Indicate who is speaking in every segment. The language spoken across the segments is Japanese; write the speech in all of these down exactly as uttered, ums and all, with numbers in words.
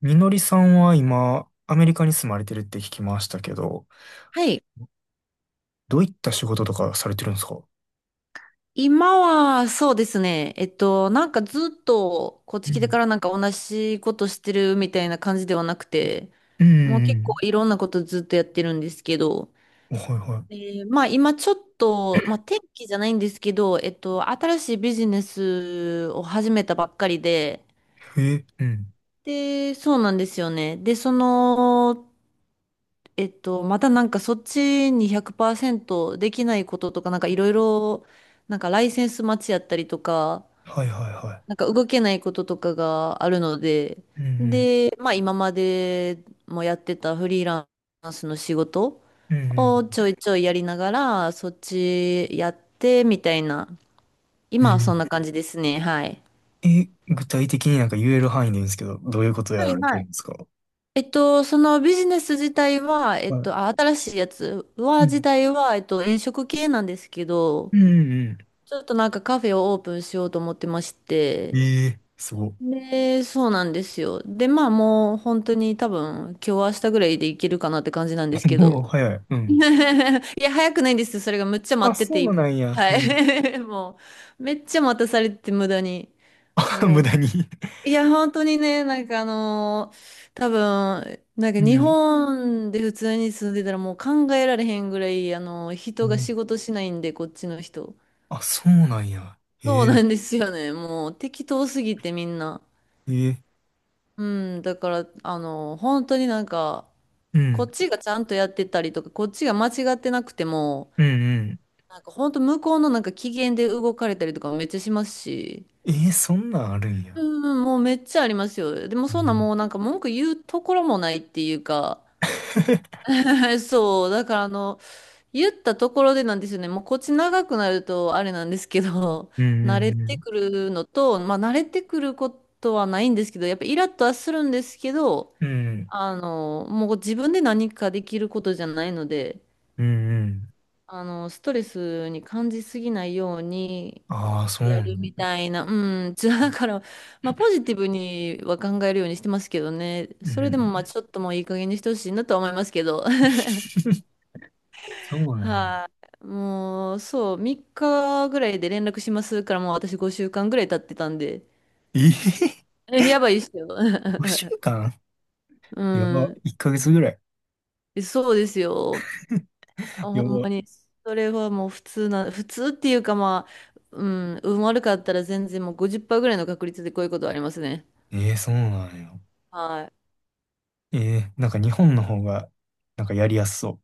Speaker 1: みのりさんは今、アメリカに住まれてるって聞きましたけど、
Speaker 2: はい。
Speaker 1: どういった仕事とかされてるんですか？
Speaker 2: 今は、そうですね。えっと、なんかずっと、こっ
Speaker 1: う
Speaker 2: ち来てか
Speaker 1: ん。
Speaker 2: らなんか同じことしてるみたいな感じではなくて、
Speaker 1: う
Speaker 2: もう結構
Speaker 1: ん。
Speaker 2: いろんなことずっとやってるんですけど、
Speaker 1: うん。はいは
Speaker 2: で、まあ今ちょっと、まあ天気じゃないんですけど、えっと、新しいビジネスを始めたばっかりで、
Speaker 1: い。え、うん。
Speaker 2: で、そうなんですよね。で、その、えっと、またなんかそっちにひゃくパーセントできないこととか、なんかいろいろ、なんかライセンス待ちやったりとか、
Speaker 1: はいはいは
Speaker 2: なんか動けないこととかがあるので、
Speaker 1: い。うん
Speaker 2: で、まあ今までもやってたフリーランスの仕事
Speaker 1: うん。う
Speaker 2: を
Speaker 1: ん
Speaker 2: ちょいちょいやりながら、そっちやってみたいな、
Speaker 1: う
Speaker 2: 今はそん
Speaker 1: ん。
Speaker 2: な感じですね。はい。
Speaker 1: えー、え、具体的になんか言える範囲でいいんですけど、どういうことや
Speaker 2: は
Speaker 1: ら
Speaker 2: い
Speaker 1: れて
Speaker 2: は
Speaker 1: るん
Speaker 2: い。
Speaker 1: ですか？
Speaker 2: えっと、そのビジネス自体は、え
Speaker 1: は
Speaker 2: っ
Speaker 1: い。
Speaker 2: と、あ、新しいやつ
Speaker 1: う
Speaker 2: は、自
Speaker 1: ん。
Speaker 2: 体は、えっと、飲食系なんですけど、
Speaker 1: うんう
Speaker 2: ちょっとなんかカフェをオープンしようと思ってまし
Speaker 1: ん。
Speaker 2: て、
Speaker 1: ええー、すご。
Speaker 2: で、そうなんですよ。で、まあもう本当に多分今日明日ぐらいでいけるかなって感じなんです け
Speaker 1: もう
Speaker 2: ど。
Speaker 1: 早い。う ん。
Speaker 2: いや、早くないんですよ。それがむっちゃ
Speaker 1: あ、
Speaker 2: 待って
Speaker 1: そ
Speaker 2: て、今
Speaker 1: うなんや。へ
Speaker 2: は
Speaker 1: え。
Speaker 2: い。もう、めっちゃ待たされてて無駄に。
Speaker 1: あ、
Speaker 2: も
Speaker 1: 無
Speaker 2: う、
Speaker 1: 駄に。
Speaker 2: いや、本当にね、なんかあのー多分、なんか
Speaker 1: う
Speaker 2: 日
Speaker 1: ん。
Speaker 2: 本で普通に住んでたらもう考えられへんぐらい、あのー
Speaker 1: う
Speaker 2: 人が
Speaker 1: ん。
Speaker 2: 仕事しないんで、こっちの人。
Speaker 1: あ、そうなんや。へ
Speaker 2: そう
Speaker 1: え。
Speaker 2: なんですよね。もう適当すぎてみんな。
Speaker 1: へえ。
Speaker 2: うん、だから、あの、本当になんか、
Speaker 1: う
Speaker 2: こっ
Speaker 1: ん。
Speaker 2: ちがちゃんとやってたりとか、こっちが間違ってなくても、
Speaker 1: うんうん。
Speaker 2: なんか本当向こうのなんか機嫌で動かれたりとかめっちゃしますし、
Speaker 1: えー、そんなんあるんや。
Speaker 2: うん、もうめっちゃありますよ。でも
Speaker 1: え
Speaker 2: そんな
Speaker 1: ー。
Speaker 2: もうなんか文句言うところもないっていうか、そう、だからあの、言ったところでなんですよね。もうこっち長くなるとあれなんですけど、
Speaker 1: う ん
Speaker 2: 慣れ
Speaker 1: う
Speaker 2: て
Speaker 1: ん
Speaker 2: くるのと、まあ慣れてくることはないんですけど、やっぱイラッとはするんですけど、
Speaker 1: うん。うん
Speaker 2: あの、もう自分で何かできることじゃないので、
Speaker 1: うんうん。
Speaker 2: あの、ストレスに感じすぎないように
Speaker 1: ああ、そう
Speaker 2: や
Speaker 1: な
Speaker 2: る
Speaker 1: ん
Speaker 2: み
Speaker 1: だ。
Speaker 2: たいな、うん、じゃあだから、まあ、ポジティブには考えるようにしてますけどね、
Speaker 1: う
Speaker 2: それでも
Speaker 1: ん。
Speaker 2: まあちょっともういい加減にしてほしいなとは思いますけど、
Speaker 1: そうね。
Speaker 2: はい、もう、そう、みっかぐらいで連絡しますから、もう私ごしゅうかんぐらい経ってたんで、
Speaker 1: えー、
Speaker 2: えやばいっすよ。
Speaker 1: 5週 間
Speaker 2: う
Speaker 1: やば。
Speaker 2: ん、
Speaker 1: いっかげつぐらい。
Speaker 2: そうですよ。あ、ほ
Speaker 1: や
Speaker 2: ん
Speaker 1: ば。
Speaker 2: まに、それはもう普通な、普通っていうかまあ、うん、運悪かったら全然もうごじゅっパーセントぐらいの確率でこういうことありますね。
Speaker 1: えー、そうなんや。
Speaker 2: はい。
Speaker 1: えー、なんか日本の方が、なんかやりやすそ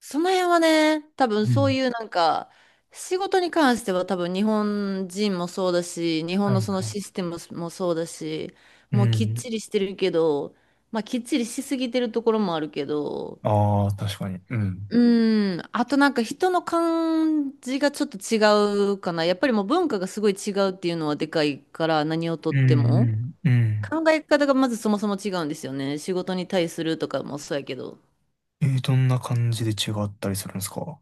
Speaker 2: その辺はね、多分
Speaker 1: う。う
Speaker 2: そう
Speaker 1: ん。
Speaker 2: いうなんか、仕事に関しては多分日本人もそうだし、日
Speaker 1: は
Speaker 2: 本の
Speaker 1: い
Speaker 2: その
Speaker 1: はい。
Speaker 2: システムもそうだし、
Speaker 1: う
Speaker 2: もうきっ
Speaker 1: ん。
Speaker 2: ちりしてるけど、まあきっちりしすぎてるところもあるけど、
Speaker 1: ああ、確かに。うん。
Speaker 2: うん。あとなんか人の感じがちょっと違うかな。やっぱりもう文化がすごい違うっていうのはでかいから何をと
Speaker 1: う
Speaker 2: って
Speaker 1: んう
Speaker 2: も。
Speaker 1: んうん。
Speaker 2: 考え方がまずそもそも違うんですよね。仕事に対するとかもそうやけど。
Speaker 1: えー、どんな感じで違ったりするんですか？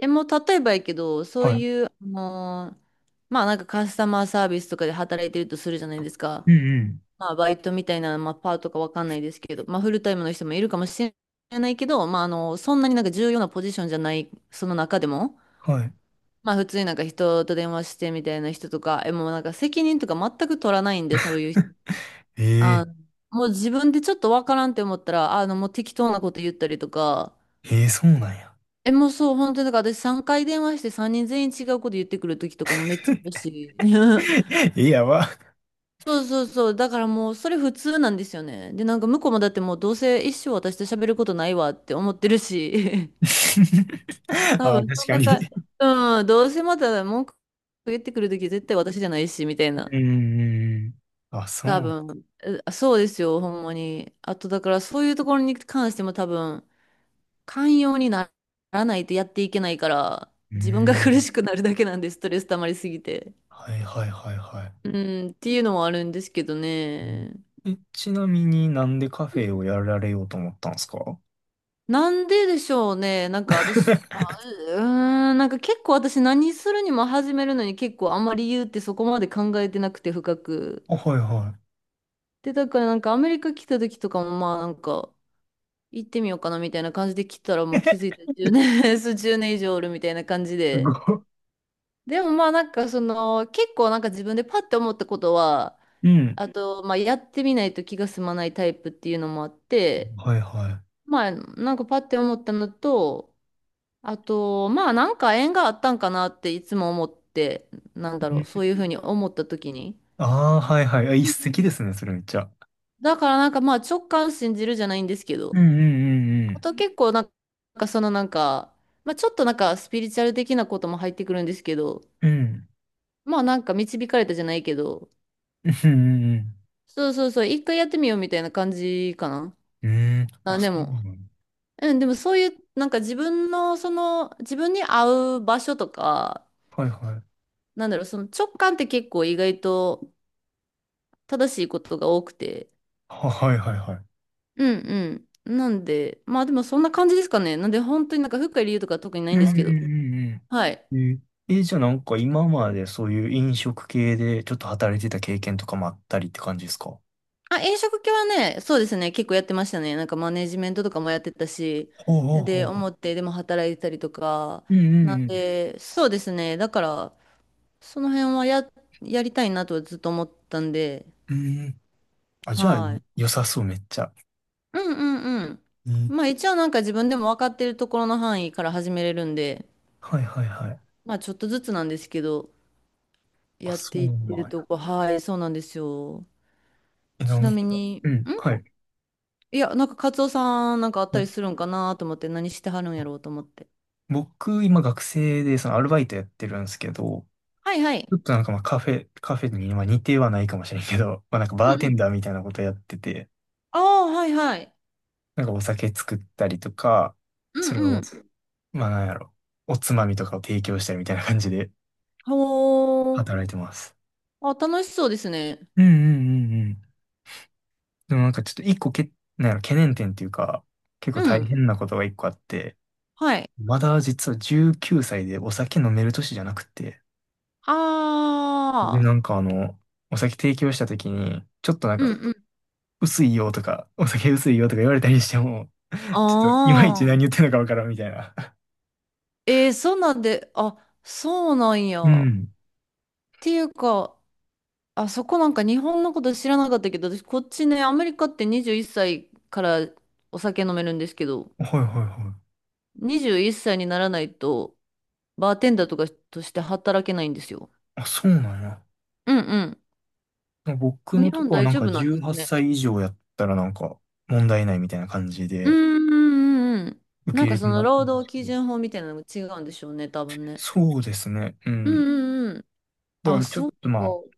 Speaker 2: え、もう例えばやけど、そう
Speaker 1: はい。
Speaker 2: いう、あのーまあなんかカスタマーサービスとかで働いてるとするじゃないですか。
Speaker 1: うんうん。
Speaker 2: まあバイトみたいな、まあパートかわかんないですけど、まあフルタイムの人もいるかもしれないけど、まああの、そんなになんか重要なポジションじゃない、その中でも。
Speaker 1: はい。
Speaker 2: まあ普通になんか人と電話してみたいな人とか、え、もうなんか責任とか全く取らないんで、そういう人。
Speaker 1: え
Speaker 2: あ
Speaker 1: え
Speaker 2: もう自分でちょっとわからんって思ったら、あの、もう適当なこと言ったりとか、
Speaker 1: ええ、そうなんや。
Speaker 2: え、もうそう、本当になんか私さんかい電話してさんにん全員違うこと言ってくる時とかもめっちゃあるし。
Speaker 1: え、やば。
Speaker 2: そうそうそう、だからもうそれ普通なんですよね。で、なんか向こうもだってもうどうせ一生私と喋ることないわって思ってるし、多
Speaker 1: あ、
Speaker 2: 分そ
Speaker 1: 確
Speaker 2: ん
Speaker 1: か
Speaker 2: なか、
Speaker 1: に。
Speaker 2: うん、どうせまた文句言ってくる時絶対私じゃないし、みたいな。
Speaker 1: うん。あ、そ
Speaker 2: 多
Speaker 1: う。
Speaker 2: 分、えそうですよ、ほんまに。あと、だからそういうところに関しても多分、寛容にならないとやっていけないから、
Speaker 1: う
Speaker 2: 自分が 苦
Speaker 1: ん。
Speaker 2: しくなるだけなんです、ストレス溜まりすぎて。
Speaker 1: はいはいはいはい。
Speaker 2: うん、っていうのもあるんですけどね。
Speaker 1: え、ちなみになんでカ
Speaker 2: う
Speaker 1: フ
Speaker 2: ん
Speaker 1: ェをやられようと思ったんですか？
Speaker 2: なんででしょうね。なんか私、あ、うーん、なんか結構私何するにも始めるのに結構あんまり理由ってそこまで考えてなくて深く。
Speaker 1: あ、はいは
Speaker 2: で、だからなんかアメリカ来た時とかもまあなんか、行ってみようかなみたいな感じで来たら
Speaker 1: い。
Speaker 2: もう気づい たじゅうねん、そうじゅうねん以上おるみたいな感じ
Speaker 1: す
Speaker 2: で。
Speaker 1: ご
Speaker 2: でもまあなんかその結構なんか自分でパッて思ったことは、
Speaker 1: い。うん。
Speaker 2: あとまあやってみないと気が済まないタイプっていうのもあって、
Speaker 1: はいは
Speaker 2: まあなんかパッて思ったのと、あとまあなんか縁があったんかなっていつも思って、なん
Speaker 1: い。
Speaker 2: だ
Speaker 1: う
Speaker 2: ろう、そう
Speaker 1: ん。
Speaker 2: いうふうに思った時に。
Speaker 1: ああ、はいはい。あ、一石ですね、それめっちゃ。
Speaker 2: だからなんかまあ直感信じるじゃないんですけ
Speaker 1: う
Speaker 2: ど、
Speaker 1: んうんう
Speaker 2: あ
Speaker 1: ん
Speaker 2: と結構なんかそのなんか、まあ、ちょっとなんかスピリチュアル的なことも入ってくるんですけど、
Speaker 1: うん。
Speaker 2: まあなんか導かれたじゃないけど、
Speaker 1: うん。うんうん
Speaker 2: そうそうそう、一回やってみようみたいな感じかな。
Speaker 1: うん。うん。
Speaker 2: あ、
Speaker 1: あ、
Speaker 2: で
Speaker 1: そう
Speaker 2: も、
Speaker 1: なの。
Speaker 2: うん、でもそういうなんか自分のその自分に合う場所とか、
Speaker 1: はいはい。
Speaker 2: なんだろう、その直感って結構意外と正しいことが多くて、
Speaker 1: は、はいはいはい。
Speaker 2: うんうん。なんで、まあでもそんな感じですかね。なんで本当になんか深い理由とか特にな
Speaker 1: う
Speaker 2: い
Speaker 1: ん
Speaker 2: んで
Speaker 1: う
Speaker 2: すけど、
Speaker 1: ん
Speaker 2: はい。
Speaker 1: うんうん。えー、えじゃあなんか今までそういう飲食系でちょっと働いてた経験とかもあったりって感じですか？
Speaker 2: あ、飲食系はね、そうですね、結構やってましたね。なんかマネジメントとかもやってたし、
Speaker 1: ほうほうほう
Speaker 2: で、
Speaker 1: ほう。
Speaker 2: 表でも働いてたりとか、
Speaker 1: うん
Speaker 2: なん
Speaker 1: うん
Speaker 2: で、そうですね、だから、その辺はや、やりたいなとはずっと思ったんで、
Speaker 1: うん。うん。あ、じゃあ
Speaker 2: はい。
Speaker 1: 良さそうめっちゃ。
Speaker 2: うんうんうん。
Speaker 1: うん。
Speaker 2: まあ一応なんか自分でも分かってるところの範囲から始めれるんで、
Speaker 1: はいはいはい。
Speaker 2: まあちょっとずつなんですけど、
Speaker 1: あ、
Speaker 2: やっ
Speaker 1: そう
Speaker 2: ていって
Speaker 1: な
Speaker 2: る
Speaker 1: ん
Speaker 2: と
Speaker 1: や。
Speaker 2: こ、はい、そうなんですよ。
Speaker 1: え、な
Speaker 2: ちな
Speaker 1: んか
Speaker 2: み に、
Speaker 1: うん、はい。
Speaker 2: いや、なんかカツオさんなんかあった
Speaker 1: は
Speaker 2: り
Speaker 1: い。
Speaker 2: するんかなと思って、何してはるん
Speaker 1: あ、
Speaker 2: やろうと思って。
Speaker 1: 僕、今学生でそのアルバイトやってるんですけど、
Speaker 2: はいはい。
Speaker 1: ちょっとなんかまあカフェ、カフェにまあ似てはないかもしれんけど、まあなんか
Speaker 2: う
Speaker 1: バ
Speaker 2: んう
Speaker 1: ーテンダ
Speaker 2: ん。
Speaker 1: ーみたいなことやってて、
Speaker 2: ああ、はいはい。
Speaker 1: なんかお酒作ったりとか、
Speaker 2: う
Speaker 1: それ
Speaker 2: んう
Speaker 1: を
Speaker 2: ん。
Speaker 1: まあなんやろ。おつまみとかを提供したりみたいな感じで
Speaker 2: ほ
Speaker 1: 働
Speaker 2: ー。
Speaker 1: いてます。
Speaker 2: あ、楽しそうですね。
Speaker 1: うんうんうんうん。でもなんかちょっと一個け、なんやろ、懸念点っていうか、結
Speaker 2: う
Speaker 1: 構大
Speaker 2: ん。
Speaker 1: 変なことが一個あって、
Speaker 2: はい。
Speaker 1: まだ実はじゅうきゅうさいでお酒飲める年じゃなくて、
Speaker 2: あ
Speaker 1: で、なん
Speaker 2: あ。
Speaker 1: かあの、お酒提供した時に、ちょっとなん
Speaker 2: うん
Speaker 1: か、
Speaker 2: うん。
Speaker 1: 薄いよとか、お酒薄いよとか言われたりしても、ちょっといまいち
Speaker 2: ああ。
Speaker 1: 何言ってんのかわからんみたいな。
Speaker 2: えー、そんなんで、あ、そうなんや。
Speaker 1: う
Speaker 2: っ
Speaker 1: ん。
Speaker 2: ていうか、あそこなんか日本のこと知らなかったけど、私こっちね、アメリカってにじゅういっさいからお酒飲めるんですけど、
Speaker 1: はいはいはい。
Speaker 2: にじゅういっさいにならないと、バーテンダーとかとして働けないんですよ。
Speaker 1: あ、そうなんや。
Speaker 2: うんう
Speaker 1: ね、僕
Speaker 2: ん。日
Speaker 1: のと
Speaker 2: 本
Speaker 1: こは
Speaker 2: 大
Speaker 1: なん
Speaker 2: 丈
Speaker 1: か
Speaker 2: 夫なんで
Speaker 1: 18
Speaker 2: すね。
Speaker 1: 歳以上やったらなんか問題ないみたいな感じ
Speaker 2: うーん
Speaker 1: で
Speaker 2: うんうんうん。
Speaker 1: 受
Speaker 2: な
Speaker 1: け
Speaker 2: ん
Speaker 1: 入
Speaker 2: か
Speaker 1: れて
Speaker 2: そ
Speaker 1: も
Speaker 2: の
Speaker 1: らってる
Speaker 2: 労
Speaker 1: んで
Speaker 2: 働
Speaker 1: す
Speaker 2: 基
Speaker 1: けど。
Speaker 2: 準法みたいなのも違うんでしょうね、多分ね。
Speaker 1: そうですね。う
Speaker 2: う
Speaker 1: ん。
Speaker 2: んうんうん。
Speaker 1: だか
Speaker 2: あ、
Speaker 1: らちょっ
Speaker 2: そうか。
Speaker 1: とまあ、
Speaker 2: そ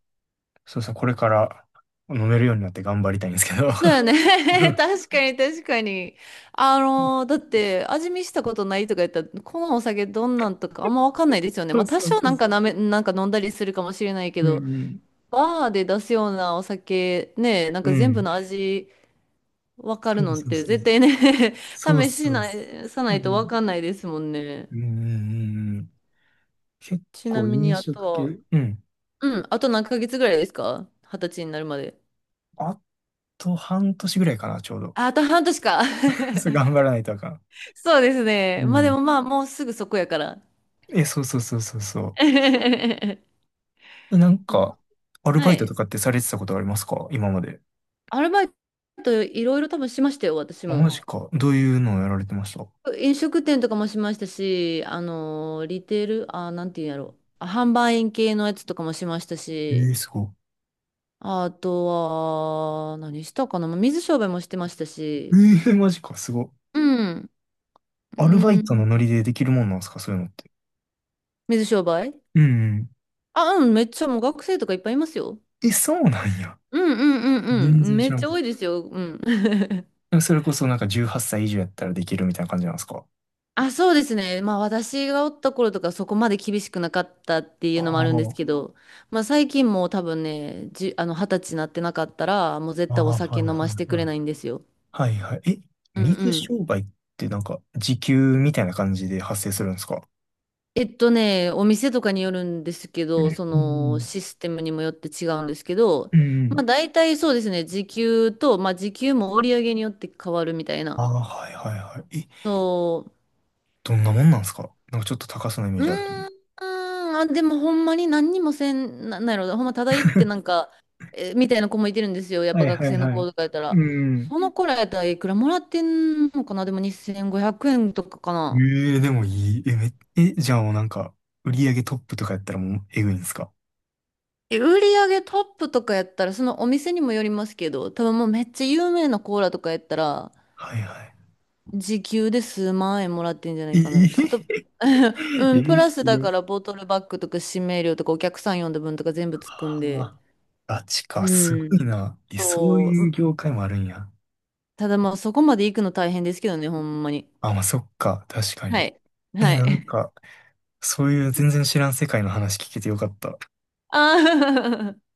Speaker 1: そうですね。これから飲めるようになって頑張りたいんですけど。
Speaker 2: うだよね。
Speaker 1: う ん。
Speaker 2: 確かに確かに。あのーだって味見したことないとか言ったら、このお酒どんなんとかあんまわかんないですよね。
Speaker 1: そ
Speaker 2: ま
Speaker 1: う
Speaker 2: あ多
Speaker 1: そう
Speaker 2: 少
Speaker 1: そ
Speaker 2: なん
Speaker 1: う。
Speaker 2: かなめ、なんか飲んだりするかもしれないけ
Speaker 1: う
Speaker 2: ど、
Speaker 1: んうん。
Speaker 2: バーで出すようなお酒ね、なん
Speaker 1: う
Speaker 2: か全部
Speaker 1: ん。
Speaker 2: の味わかる
Speaker 1: そう
Speaker 2: のっ
Speaker 1: そう
Speaker 2: て
Speaker 1: そ
Speaker 2: 絶
Speaker 1: う。
Speaker 2: 対ね
Speaker 1: そう
Speaker 2: 試し
Speaker 1: そう
Speaker 2: な
Speaker 1: そ
Speaker 2: い、さな
Speaker 1: う。う
Speaker 2: いとわ
Speaker 1: ん。
Speaker 2: かんないですもんね。
Speaker 1: うんうんうん。結
Speaker 2: ちな
Speaker 1: 構
Speaker 2: みに
Speaker 1: 飲
Speaker 2: あと
Speaker 1: 食系。
Speaker 2: は、
Speaker 1: うん。
Speaker 2: うん、あと何ヶ月ぐらいですか二十歳になるまで。
Speaker 1: あと半年ぐらいかな、ちょうど。
Speaker 2: あ、あと半年か。
Speaker 1: そう、頑張らないとあかん。
Speaker 2: そうですね。
Speaker 1: う
Speaker 2: まあで
Speaker 1: ん。
Speaker 2: もまあ、もうすぐそこやから。
Speaker 1: え、そうそうそうそうそう。なん
Speaker 2: うん
Speaker 1: か、アル
Speaker 2: は
Speaker 1: バイト
Speaker 2: い。
Speaker 1: とかってされてたことありますか今まで？
Speaker 2: アルバイトいろいろ多分しましたよ、私
Speaker 1: あ、マ
Speaker 2: も。
Speaker 1: ジか。どういうのをやられてました？
Speaker 2: 飲食店とかもしましたし、あのー、リテール、あー、なんていうんやろあ販売員系のやつとかもしました
Speaker 1: ええ
Speaker 2: し、
Speaker 1: ー、すごい。
Speaker 2: あとは、何したかな、まあ水商売もしてました
Speaker 1: え
Speaker 2: し、
Speaker 1: えー、マジか、すごい。
Speaker 2: うん、う
Speaker 1: アルバイトの
Speaker 2: ん、
Speaker 1: ノリでできるもんなんですかそういうのって？
Speaker 2: 水商売
Speaker 1: うんうん。
Speaker 2: あ、うん、めっちゃもう学生とかいっぱいいますよ。
Speaker 1: え、そうなんや。
Speaker 2: うんうんうん
Speaker 1: 全
Speaker 2: うん。
Speaker 1: 然
Speaker 2: め
Speaker 1: 知
Speaker 2: っ
Speaker 1: ら
Speaker 2: ち
Speaker 1: ん。
Speaker 2: ゃ多いですよ。うん。
Speaker 1: でもそれこそなんかじゅうはっさい以上やったらできるみたいな感じなんですか？
Speaker 2: あ、そうですね。まあ私がおった頃とかそこまで厳しくなかったってい
Speaker 1: あ
Speaker 2: うのもあるんです
Speaker 1: あ、
Speaker 2: けど、まあ最近もう多分ね、じ、あの二十歳になってなかったら、もう絶対お
Speaker 1: ああ、は
Speaker 2: 酒
Speaker 1: い
Speaker 2: 飲
Speaker 1: は
Speaker 2: ま
Speaker 1: い
Speaker 2: してくれ
Speaker 1: は
Speaker 2: ないんですよ。
Speaker 1: い。はいはい。え、
Speaker 2: うんう
Speaker 1: 水商
Speaker 2: ん。
Speaker 1: 売ってなんか時給みたいな感じで発生するんですか？
Speaker 2: えっとね、お店とかによるんですけ
Speaker 1: う
Speaker 2: ど、
Speaker 1: ん
Speaker 2: そ
Speaker 1: う
Speaker 2: の
Speaker 1: ん
Speaker 2: システムにもよって違うんですけど、
Speaker 1: うん。うんうん。
Speaker 2: まあ大体そうですね、時給と、まあ時給も売り上げによって変わるみたい
Speaker 1: あ
Speaker 2: な。
Speaker 1: あ、はいはいはい。
Speaker 2: そう
Speaker 1: どんなもんなんすかなんかちょっと高そうなイメー
Speaker 2: う
Speaker 1: ジあるけど。
Speaker 2: ーん、あ、でもほんまに何にもせん、な、なんやろ、ほんまただ行ってなんか、えみたいな子もいてるんですよ。やっ
Speaker 1: は
Speaker 2: ぱ
Speaker 1: いは
Speaker 2: 学
Speaker 1: い
Speaker 2: 生の
Speaker 1: は
Speaker 2: 子
Speaker 1: い。
Speaker 2: とかやったら。
Speaker 1: うん。
Speaker 2: その子らやったらいくらもらってんのかなでもにせんごひゃくえんとかかな。
Speaker 1: ええでもいい。え、め、え、じゃあもうなんか、売り上げトップとかやったらもうえぐいんですか？
Speaker 2: え売り上げトップとかやったら、そのお店にもよりますけど、多分もうめっちゃ有名なコーラとかやったら、
Speaker 1: はいはい。
Speaker 2: 時給で数万円もらってんじゃな
Speaker 1: え
Speaker 2: い
Speaker 1: え。
Speaker 2: かなと。あと う
Speaker 1: え
Speaker 2: ん、プ
Speaker 1: ー
Speaker 2: ラ
Speaker 1: す
Speaker 2: スだ
Speaker 1: ごい。
Speaker 2: からボトルバッグとか指名料とかお客さん呼んだ分とか全部つくん
Speaker 1: あ
Speaker 2: で。
Speaker 1: あ、ガチか、すご
Speaker 2: う
Speaker 1: い
Speaker 2: ん。
Speaker 1: な。え、そう
Speaker 2: そ
Speaker 1: いう
Speaker 2: う
Speaker 1: 業界もあるんや。
Speaker 2: ただまあそこまで行くの大変ですけどね、ほんまに。
Speaker 1: あ、まあそっか、確かに。
Speaker 2: はい。
Speaker 1: え、
Speaker 2: は
Speaker 1: なん
Speaker 2: い。
Speaker 1: か、そういう全然知らん世界の話聞けてよかった。
Speaker 2: ああ